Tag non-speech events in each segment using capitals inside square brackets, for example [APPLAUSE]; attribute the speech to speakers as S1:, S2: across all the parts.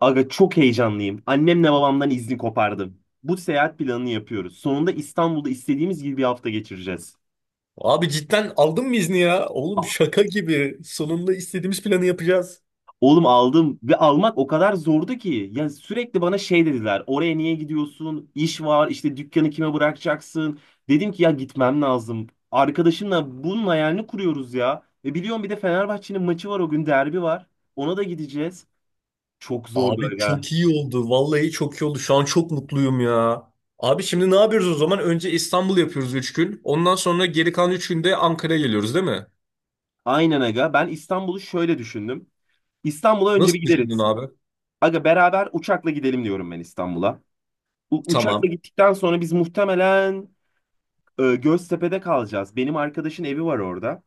S1: Aga çok heyecanlıyım. Annemle babamdan izni kopardım. Bu seyahat planını yapıyoruz. Sonunda İstanbul'da istediğimiz gibi bir hafta geçireceğiz.
S2: Abi cidden aldın mı izni ya? Oğlum
S1: A-
S2: şaka gibi. Sonunda istediğimiz planı yapacağız.
S1: Oğlum aldım ve almak o kadar zordu ki. Ya sürekli bana şey dediler. Oraya niye gidiyorsun? İş var, işte dükkanı kime bırakacaksın? Dedim ki ya gitmem lazım. Arkadaşımla bunun hayalini kuruyoruz ya. Ve biliyorum bir de Fenerbahçe'nin maçı var o gün derbi var. Ona da gideceğiz. Çok zordu
S2: Abi
S1: aga.
S2: çok iyi oldu. Vallahi çok iyi oldu. Şu an çok mutluyum ya. Abi şimdi ne yapıyoruz o zaman? Önce İstanbul yapıyoruz 3 gün. Ondan sonra geri kalan 3 günde Ankara'ya geliyoruz değil mi?
S1: Aynen aga. Ben İstanbul'u şöyle düşündüm. İstanbul'a önce bir
S2: Nasıl düşündün
S1: gideriz.
S2: abi?
S1: Aga beraber uçakla gidelim diyorum ben İstanbul'a. Uçakla
S2: Tamam.
S1: gittikten sonra biz muhtemelen Göztepe'de kalacağız. Benim arkadaşın evi var orada.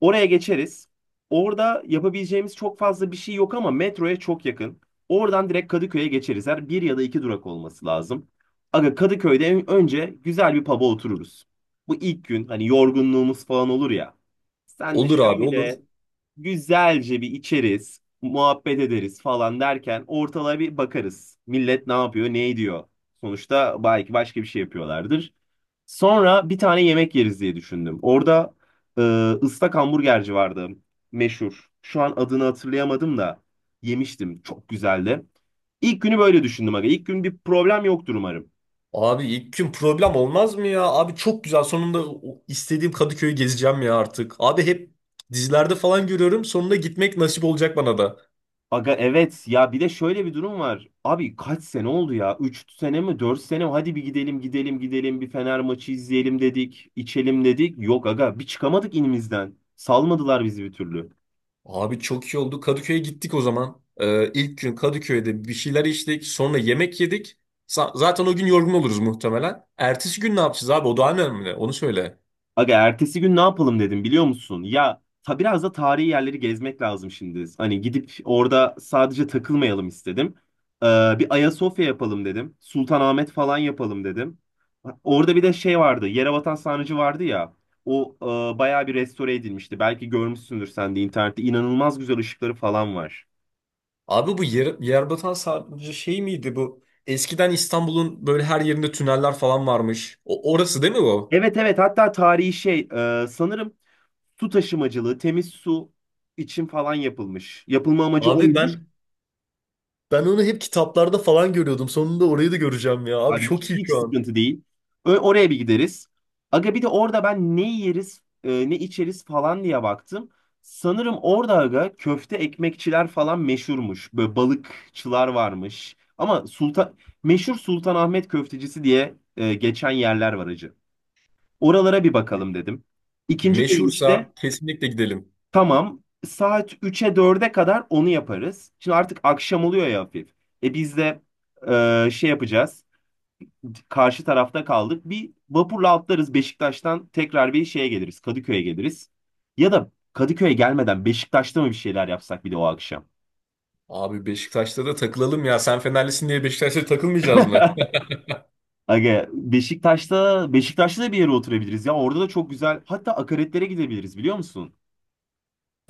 S1: Oraya geçeriz. Orada yapabileceğimiz çok fazla bir şey yok ama metroya çok yakın. Oradan direkt Kadıköy'e geçeriz. Her bir ya da iki durak olması lazım. Aga Kadıköy'de önce güzel bir pub'a otururuz. Bu ilk gün hani yorgunluğumuz falan olur ya. Senle
S2: Olur abi olur.
S1: şöyle güzelce bir içeriz, muhabbet ederiz falan derken ortalığa bir bakarız. Millet ne yapıyor, ne ediyor? Sonuçta belki başka bir şey yapıyorlardır. Sonra bir tane yemek yeriz diye düşündüm. Orada ee, ıslak hamburgerci vardı. Meşhur. Şu an adını hatırlayamadım da yemiştim. Çok güzeldi. İlk günü böyle düşündüm aga. İlk gün bir problem yoktur umarım.
S2: Abi ilk gün problem olmaz mı ya? Abi çok güzel. Sonunda o istediğim Kadıköy'ü gezeceğim ya artık. Abi hep dizilerde falan görüyorum. Sonunda gitmek nasip olacak bana da.
S1: Aga evet ya bir de şöyle bir durum var. Abi kaç sene oldu ya? 3 sene mi, dört sene mi? Hadi bir gidelim bir Fener maçı izleyelim dedik. İçelim dedik. Yok aga bir çıkamadık inimizden. Salmadılar bizi bir türlü.
S2: Abi çok iyi oldu. Kadıköy'e gittik o zaman. İlk gün Kadıköy'de bir şeyler içtik. Sonra yemek yedik. Zaten o gün yorgun oluruz muhtemelen. Ertesi gün ne yapacağız abi? O daha önemli. Onu söyle.
S1: Aga ertesi gün ne yapalım dedim biliyor musun? Biraz da tarihi yerleri gezmek lazım şimdi. Hani gidip orada sadece takılmayalım istedim. Ee, Bir Ayasofya yapalım dedim. Sultanahmet falan yapalım dedim. Orada bir de şey vardı. Yerebatan Sarnıcı vardı ya. O bayağı bir restore edilmişti. Belki görmüşsündür sen de internette. İnanılmaz güzel ışıkları falan var.
S2: Abi bu yer, Yerbatan sadece şey miydi bu? Eskiden İstanbul'un böyle her yerinde tüneller falan varmış. O orası değil mi bu?
S1: Evet evet, hatta tarihi şey, sanırım su taşımacılığı, temiz su için falan yapılmış. Yapılma amacı
S2: Abi
S1: oymuş.
S2: ben ben onu hep kitaplarda falan görüyordum. Sonunda orayı da göreceğim ya. Abi
S1: Abi
S2: çok
S1: hiç,
S2: iyi
S1: hiç
S2: şu an.
S1: sıkıntı değil. Oraya bir gideriz. Aga bir de orada ben ne yeriz, ne içeriz falan diye baktım. Sanırım orada aga köfte ekmekçiler falan meşhurmuş. Böyle balıkçılar varmış. Ama meşhur Sultanahmet köftecisi diye geçen yerler var acı. Oralara bir bakalım dedim. İkinci gün işte
S2: Meşhursa kesinlikle gidelim.
S1: tamam saat üç'e dörde kadar onu yaparız. Şimdi artık akşam oluyor ya hafif. E biz de şey yapacağız, karşı tarafta kaldık. Bir vapurla atlarız Beşiktaş'tan tekrar bir şeye geliriz. Kadıköy'e geliriz. Ya da Kadıköy'e gelmeden Beşiktaş'ta mı bir şeyler yapsak bir de o akşam? [LAUGHS]
S2: Abi Beşiktaş'ta da takılalım ya. Sen Fenerlisin diye Beşiktaş'ta takılmayacağız mı?
S1: Aga Beşiktaş'ta da bir yere oturabiliriz ya. Orada da çok güzel. Hatta akaretlere gidebiliriz biliyor musun?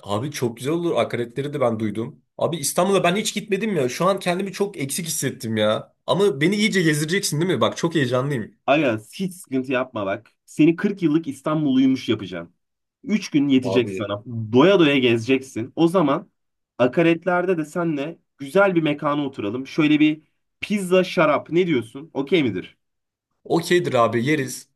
S2: Abi çok güzel olur. Akaretleri de ben duydum. Abi İstanbul'a ben hiç gitmedim ya. Şu an kendimi çok eksik hissettim ya. Ama beni iyice gezdireceksin değil mi? Bak çok heyecanlıyım.
S1: Aga hiç sıkıntı yapma bak. Seni 40 yıllık İstanbulluymuş yapacağım. 3 gün yetecek
S2: Abi.
S1: sana. Doya doya gezeceksin. O zaman akaretlerde de senle güzel bir mekana oturalım. Şöyle bir pizza, şarap, ne diyorsun? Okey midir?
S2: Okeydir abi yeriz.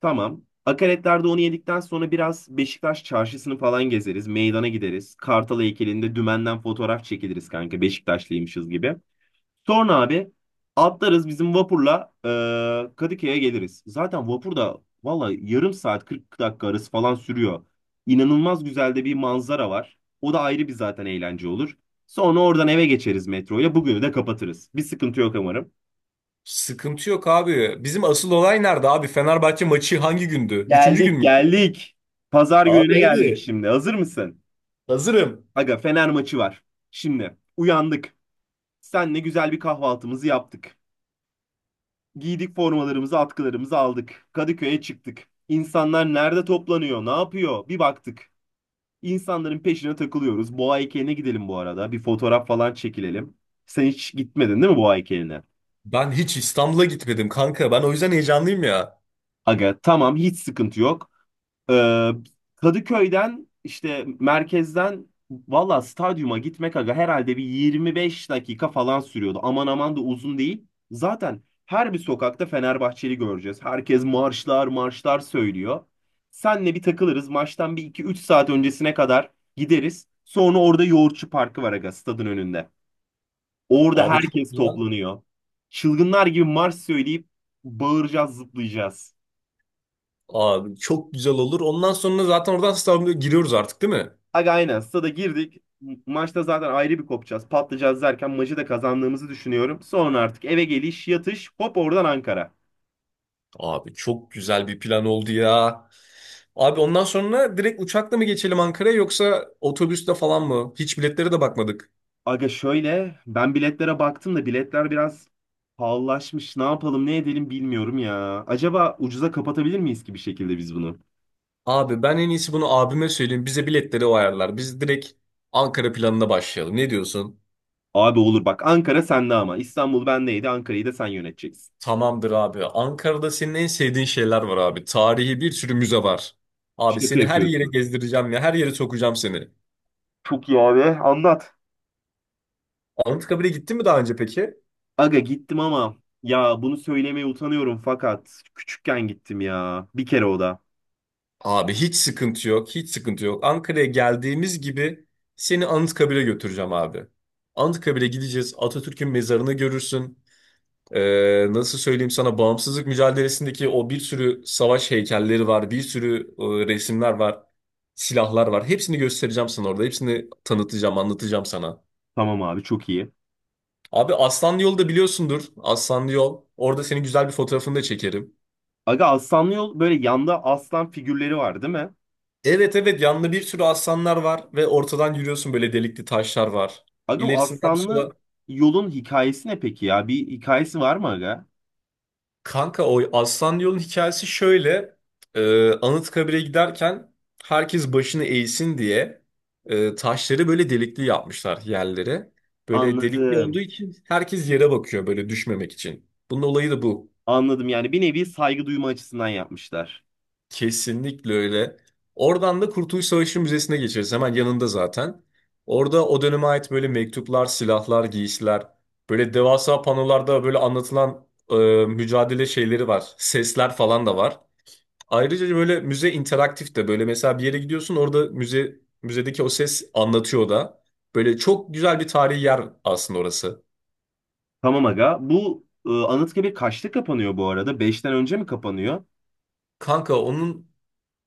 S1: Tamam. Akaretlerde onu yedikten sonra biraz Beşiktaş çarşısını falan gezeriz. Meydana gideriz. Kartal heykelinde dümenden fotoğraf çekiliriz kanka. Beşiktaşlıymışız gibi. Sonra abi atlarız bizim vapurla, Kadıköy'e geliriz. Zaten vapur da valla yarım saat 40 dakika arası falan sürüyor. İnanılmaz güzel de bir manzara var. O da ayrı bir zaten eğlence olur. Sonra oradan eve geçeriz metroyla. Bugünü de kapatırız. Bir sıkıntı yok umarım.
S2: Sıkıntı yok abi. Bizim asıl olay nerede abi? Fenerbahçe maçı hangi gündü? Üçüncü gün
S1: Geldik
S2: müydü?
S1: geldik. Pazar
S2: Abi
S1: gününe geldik
S2: hadi.
S1: şimdi. Hazır mısın?
S2: Hazırım.
S1: Aga Fener maçı var. Şimdi uyandık. Senle güzel bir kahvaltımızı yaptık. Giydik formalarımızı, atkılarımızı aldık. Kadıköy'e çıktık. İnsanlar nerede toplanıyor, ne yapıyor? Bir baktık. İnsanların peşine takılıyoruz. Boğa heykeline gidelim bu arada. Bir fotoğraf falan çekilelim. Sen hiç gitmedin değil mi Boğa heykeline?
S2: Ben hiç İstanbul'a gitmedim kanka. Ben o yüzden heyecanlıyım ya.
S1: Aga tamam hiç sıkıntı yok. Ee, Kadıköy'den işte merkezden valla stadyuma gitmek aga herhalde bir 25 dakika falan sürüyordu. Aman aman da uzun değil. Zaten her bir sokakta Fenerbahçeli göreceğiz. Herkes marşlar söylüyor. Senle bir takılırız. Maçtan bir iki üç saat öncesine kadar gideriz. Sonra orada Yoğurtçu Parkı var aga stadın önünde. Orada
S2: Abi çok
S1: herkes
S2: güzel.
S1: toplanıyor. Çılgınlar gibi marş söyleyip bağıracağız, zıplayacağız.
S2: Abi çok güzel olur. Ondan sonra zaten oradan İstanbul'a giriyoruz artık değil mi?
S1: Aga aynen stada girdik. Maçta zaten ayrı bir kopacağız. Patlayacağız derken maçı da kazandığımızı düşünüyorum. Sonra artık eve geliş, yatış, hop oradan Ankara.
S2: Abi çok güzel bir plan oldu ya. Abi ondan sonra direkt uçakla mı geçelim Ankara'ya yoksa otobüste falan mı? Hiç biletlere de bakmadık.
S1: Aga şöyle ben biletlere baktım da biletler biraz pahalılaşmış. Ne yapalım ne edelim bilmiyorum ya. Acaba ucuza kapatabilir miyiz ki bir şekilde biz bunu?
S2: Abi ben en iyisi bunu abime söyleyeyim. Bize biletleri o ayarlar. Biz direkt Ankara planına başlayalım. Ne diyorsun?
S1: Abi olur bak, Ankara sende ama. İstanbul bendeydi, Ankara'yı da sen yöneteceksin.
S2: Tamamdır abi. Ankara'da senin en sevdiğin şeyler var abi. Tarihi bir sürü müze var. Abi
S1: Şaka
S2: seni her yere
S1: yapıyorsun.
S2: gezdireceğim ya. Her yere sokacağım seni.
S1: Çok iyi abi anlat.
S2: Anıtkabir'e gittin mi daha önce peki?
S1: Aga gittim ama ya bunu söylemeye utanıyorum, fakat küçükken gittim ya. Bir kere o da.
S2: Abi hiç sıkıntı yok, hiç sıkıntı yok. Ankara'ya geldiğimiz gibi seni Anıtkabir'e götüreceğim abi. Anıtkabir'e gideceğiz, Atatürk'ün mezarını görürsün. Nasıl söyleyeyim sana, bağımsızlık mücadelesindeki o bir sürü savaş heykelleri var, bir sürü resimler var, silahlar var. Hepsini göstereceğim sana orada, hepsini tanıtacağım, anlatacağım sana.
S1: Tamam abi çok iyi.
S2: Abi Aslanlı Yol'u da biliyorsundur, Aslanlı Yol. Orada senin güzel bir fotoğrafını da çekerim.
S1: Aga aslanlı yol böyle yanda aslan figürleri var değil mi?
S2: Evet, evet, yanında bir sürü aslanlar var ve ortadan yürüyorsun, böyle delikli taşlar var.
S1: Aga bu
S2: İlerisinden sola.
S1: aslanlı yolun hikayesi ne peki ya? Bir hikayesi var mı aga?
S2: Kanka o aslan yolun hikayesi şöyle. Anıtkabir'e giderken herkes başını eğsin diye taşları böyle delikli yapmışlar yerlere. Böyle delikli olduğu
S1: Anladım.
S2: için herkes yere bakıyor böyle düşmemek için. Bunun olayı da bu.
S1: Anladım, yani bir nevi saygı duyma açısından yapmışlar.
S2: Kesinlikle öyle. Oradan da Kurtuluş Savaşı Müzesi'ne geçeriz. Hemen yanında zaten. Orada o döneme ait böyle mektuplar, silahlar, giysiler, böyle devasa panolarda böyle anlatılan e, mücadele şeyleri var. Sesler falan da var. Ayrıca böyle müze interaktif de, böyle mesela bir yere gidiyorsun orada müzedeki o ses anlatıyor da. Böyle çok güzel bir tarihi yer aslında orası.
S1: Tamam aga. Bu Anıtkabir kaçta kapanıyor bu arada? Beşten önce mi kapanıyor?
S2: Kanka onun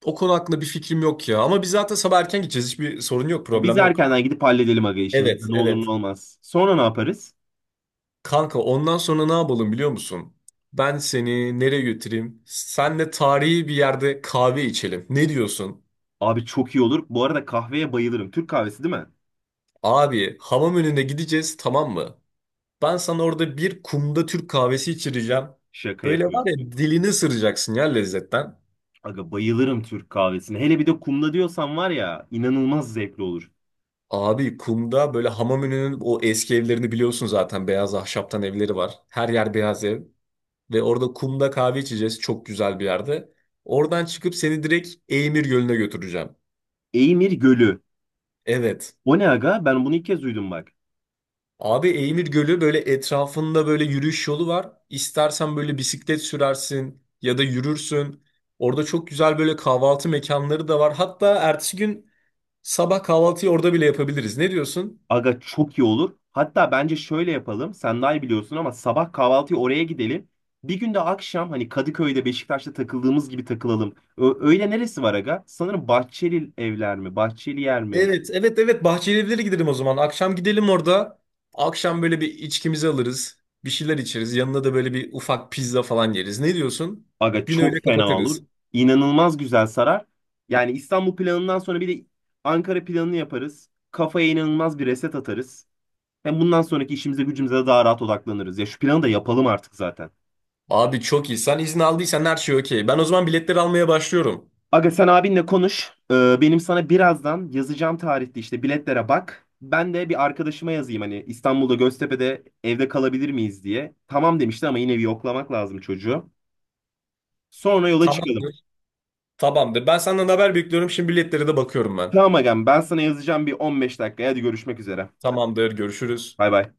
S2: o konu hakkında bir fikrim yok ya. Ama biz zaten sabah erken gideceğiz. Hiçbir sorun yok,
S1: Biz
S2: problem yok.
S1: erkenden gidip halledelim aga işimizi.
S2: Evet,
S1: Ne olur ne
S2: evet.
S1: olmaz. Sonra ne yaparız?
S2: Kanka ondan sonra ne yapalım biliyor musun? Ben seni nereye götüreyim? Senle tarihi bir yerde kahve içelim. Ne diyorsun?
S1: Abi çok iyi olur. Bu arada kahveye bayılırım. Türk kahvesi değil mi?
S2: Abi hamam önüne gideceğiz, tamam mı? Ben sana orada bir kumda Türk kahvesi içireceğim.
S1: Şaka
S2: Böyle var ya,
S1: yapıyorsun.
S2: dilini ısıracaksın ya lezzetten.
S1: Aga bayılırım Türk kahvesine. Hele bir de kumda diyorsan var ya inanılmaz zevkli olur.
S2: Abi kumda, böyle hamam önünün o eski evlerini biliyorsun zaten. Beyaz ahşaptan evleri var. Her yer beyaz ev. Ve orada kumda kahve içeceğiz çok güzel bir yerde. Oradan çıkıp seni direkt Eymir Gölü'ne götüreceğim.
S1: Eymir Gölü.
S2: Evet.
S1: O ne aga? Ben bunu ilk kez duydum bak.
S2: Abi Eymir Gölü böyle etrafında böyle yürüyüş yolu var. İstersen böyle bisiklet sürersin ya da yürürsün. Orada çok güzel böyle kahvaltı mekanları da var. Hatta ertesi gün sabah kahvaltıyı orada bile yapabiliriz. Ne diyorsun?
S1: Aga çok iyi olur. Hatta bence şöyle yapalım. Sen daha iyi biliyorsun ama sabah kahvaltıya oraya gidelim. Bir gün de akşam hani Kadıköy'de Beşiktaş'ta takıldığımız gibi takılalım. Öyle neresi var aga? Sanırım Bahçeli evler mi? Bahçeli yer mi?
S2: Evet, evet, evet. Bahçeli Evler'e gidelim o zaman. Akşam gidelim orada. Akşam böyle bir içkimizi alırız. Bir şeyler içeriz. Yanına da böyle bir ufak pizza falan yeriz. Ne diyorsun?
S1: Aga
S2: Günü
S1: çok
S2: öyle
S1: fena
S2: kapatırız.
S1: olur. İnanılmaz güzel sarar. Yani İstanbul planından sonra bir de Ankara planını yaparız. Kafaya inanılmaz bir reset atarız. Hem bundan sonraki işimize gücümüze de daha rahat odaklanırız. Ya şu planı da yapalım artık zaten.
S2: Abi çok iyi. Sen izin aldıysan her şey okey. Ben o zaman biletleri almaya başlıyorum.
S1: Aga sen abinle konuş. Benim sana birazdan yazacağım tarihte işte biletlere bak. Ben de bir arkadaşıma yazayım hani İstanbul'da Göztepe'de evde kalabilir miyiz diye. Tamam demişti ama yine bir yoklamak lazım çocuğu. Sonra yola
S2: Tamam.
S1: çıkalım.
S2: Tamamdır. Ben senden haber bekliyorum. Şimdi biletlere de bakıyorum ben.
S1: Tamam agam, ben sana yazacağım bir 15 dakika. Hadi görüşmek üzere.
S2: Tamamdır. Görüşürüz.
S1: Bay bay.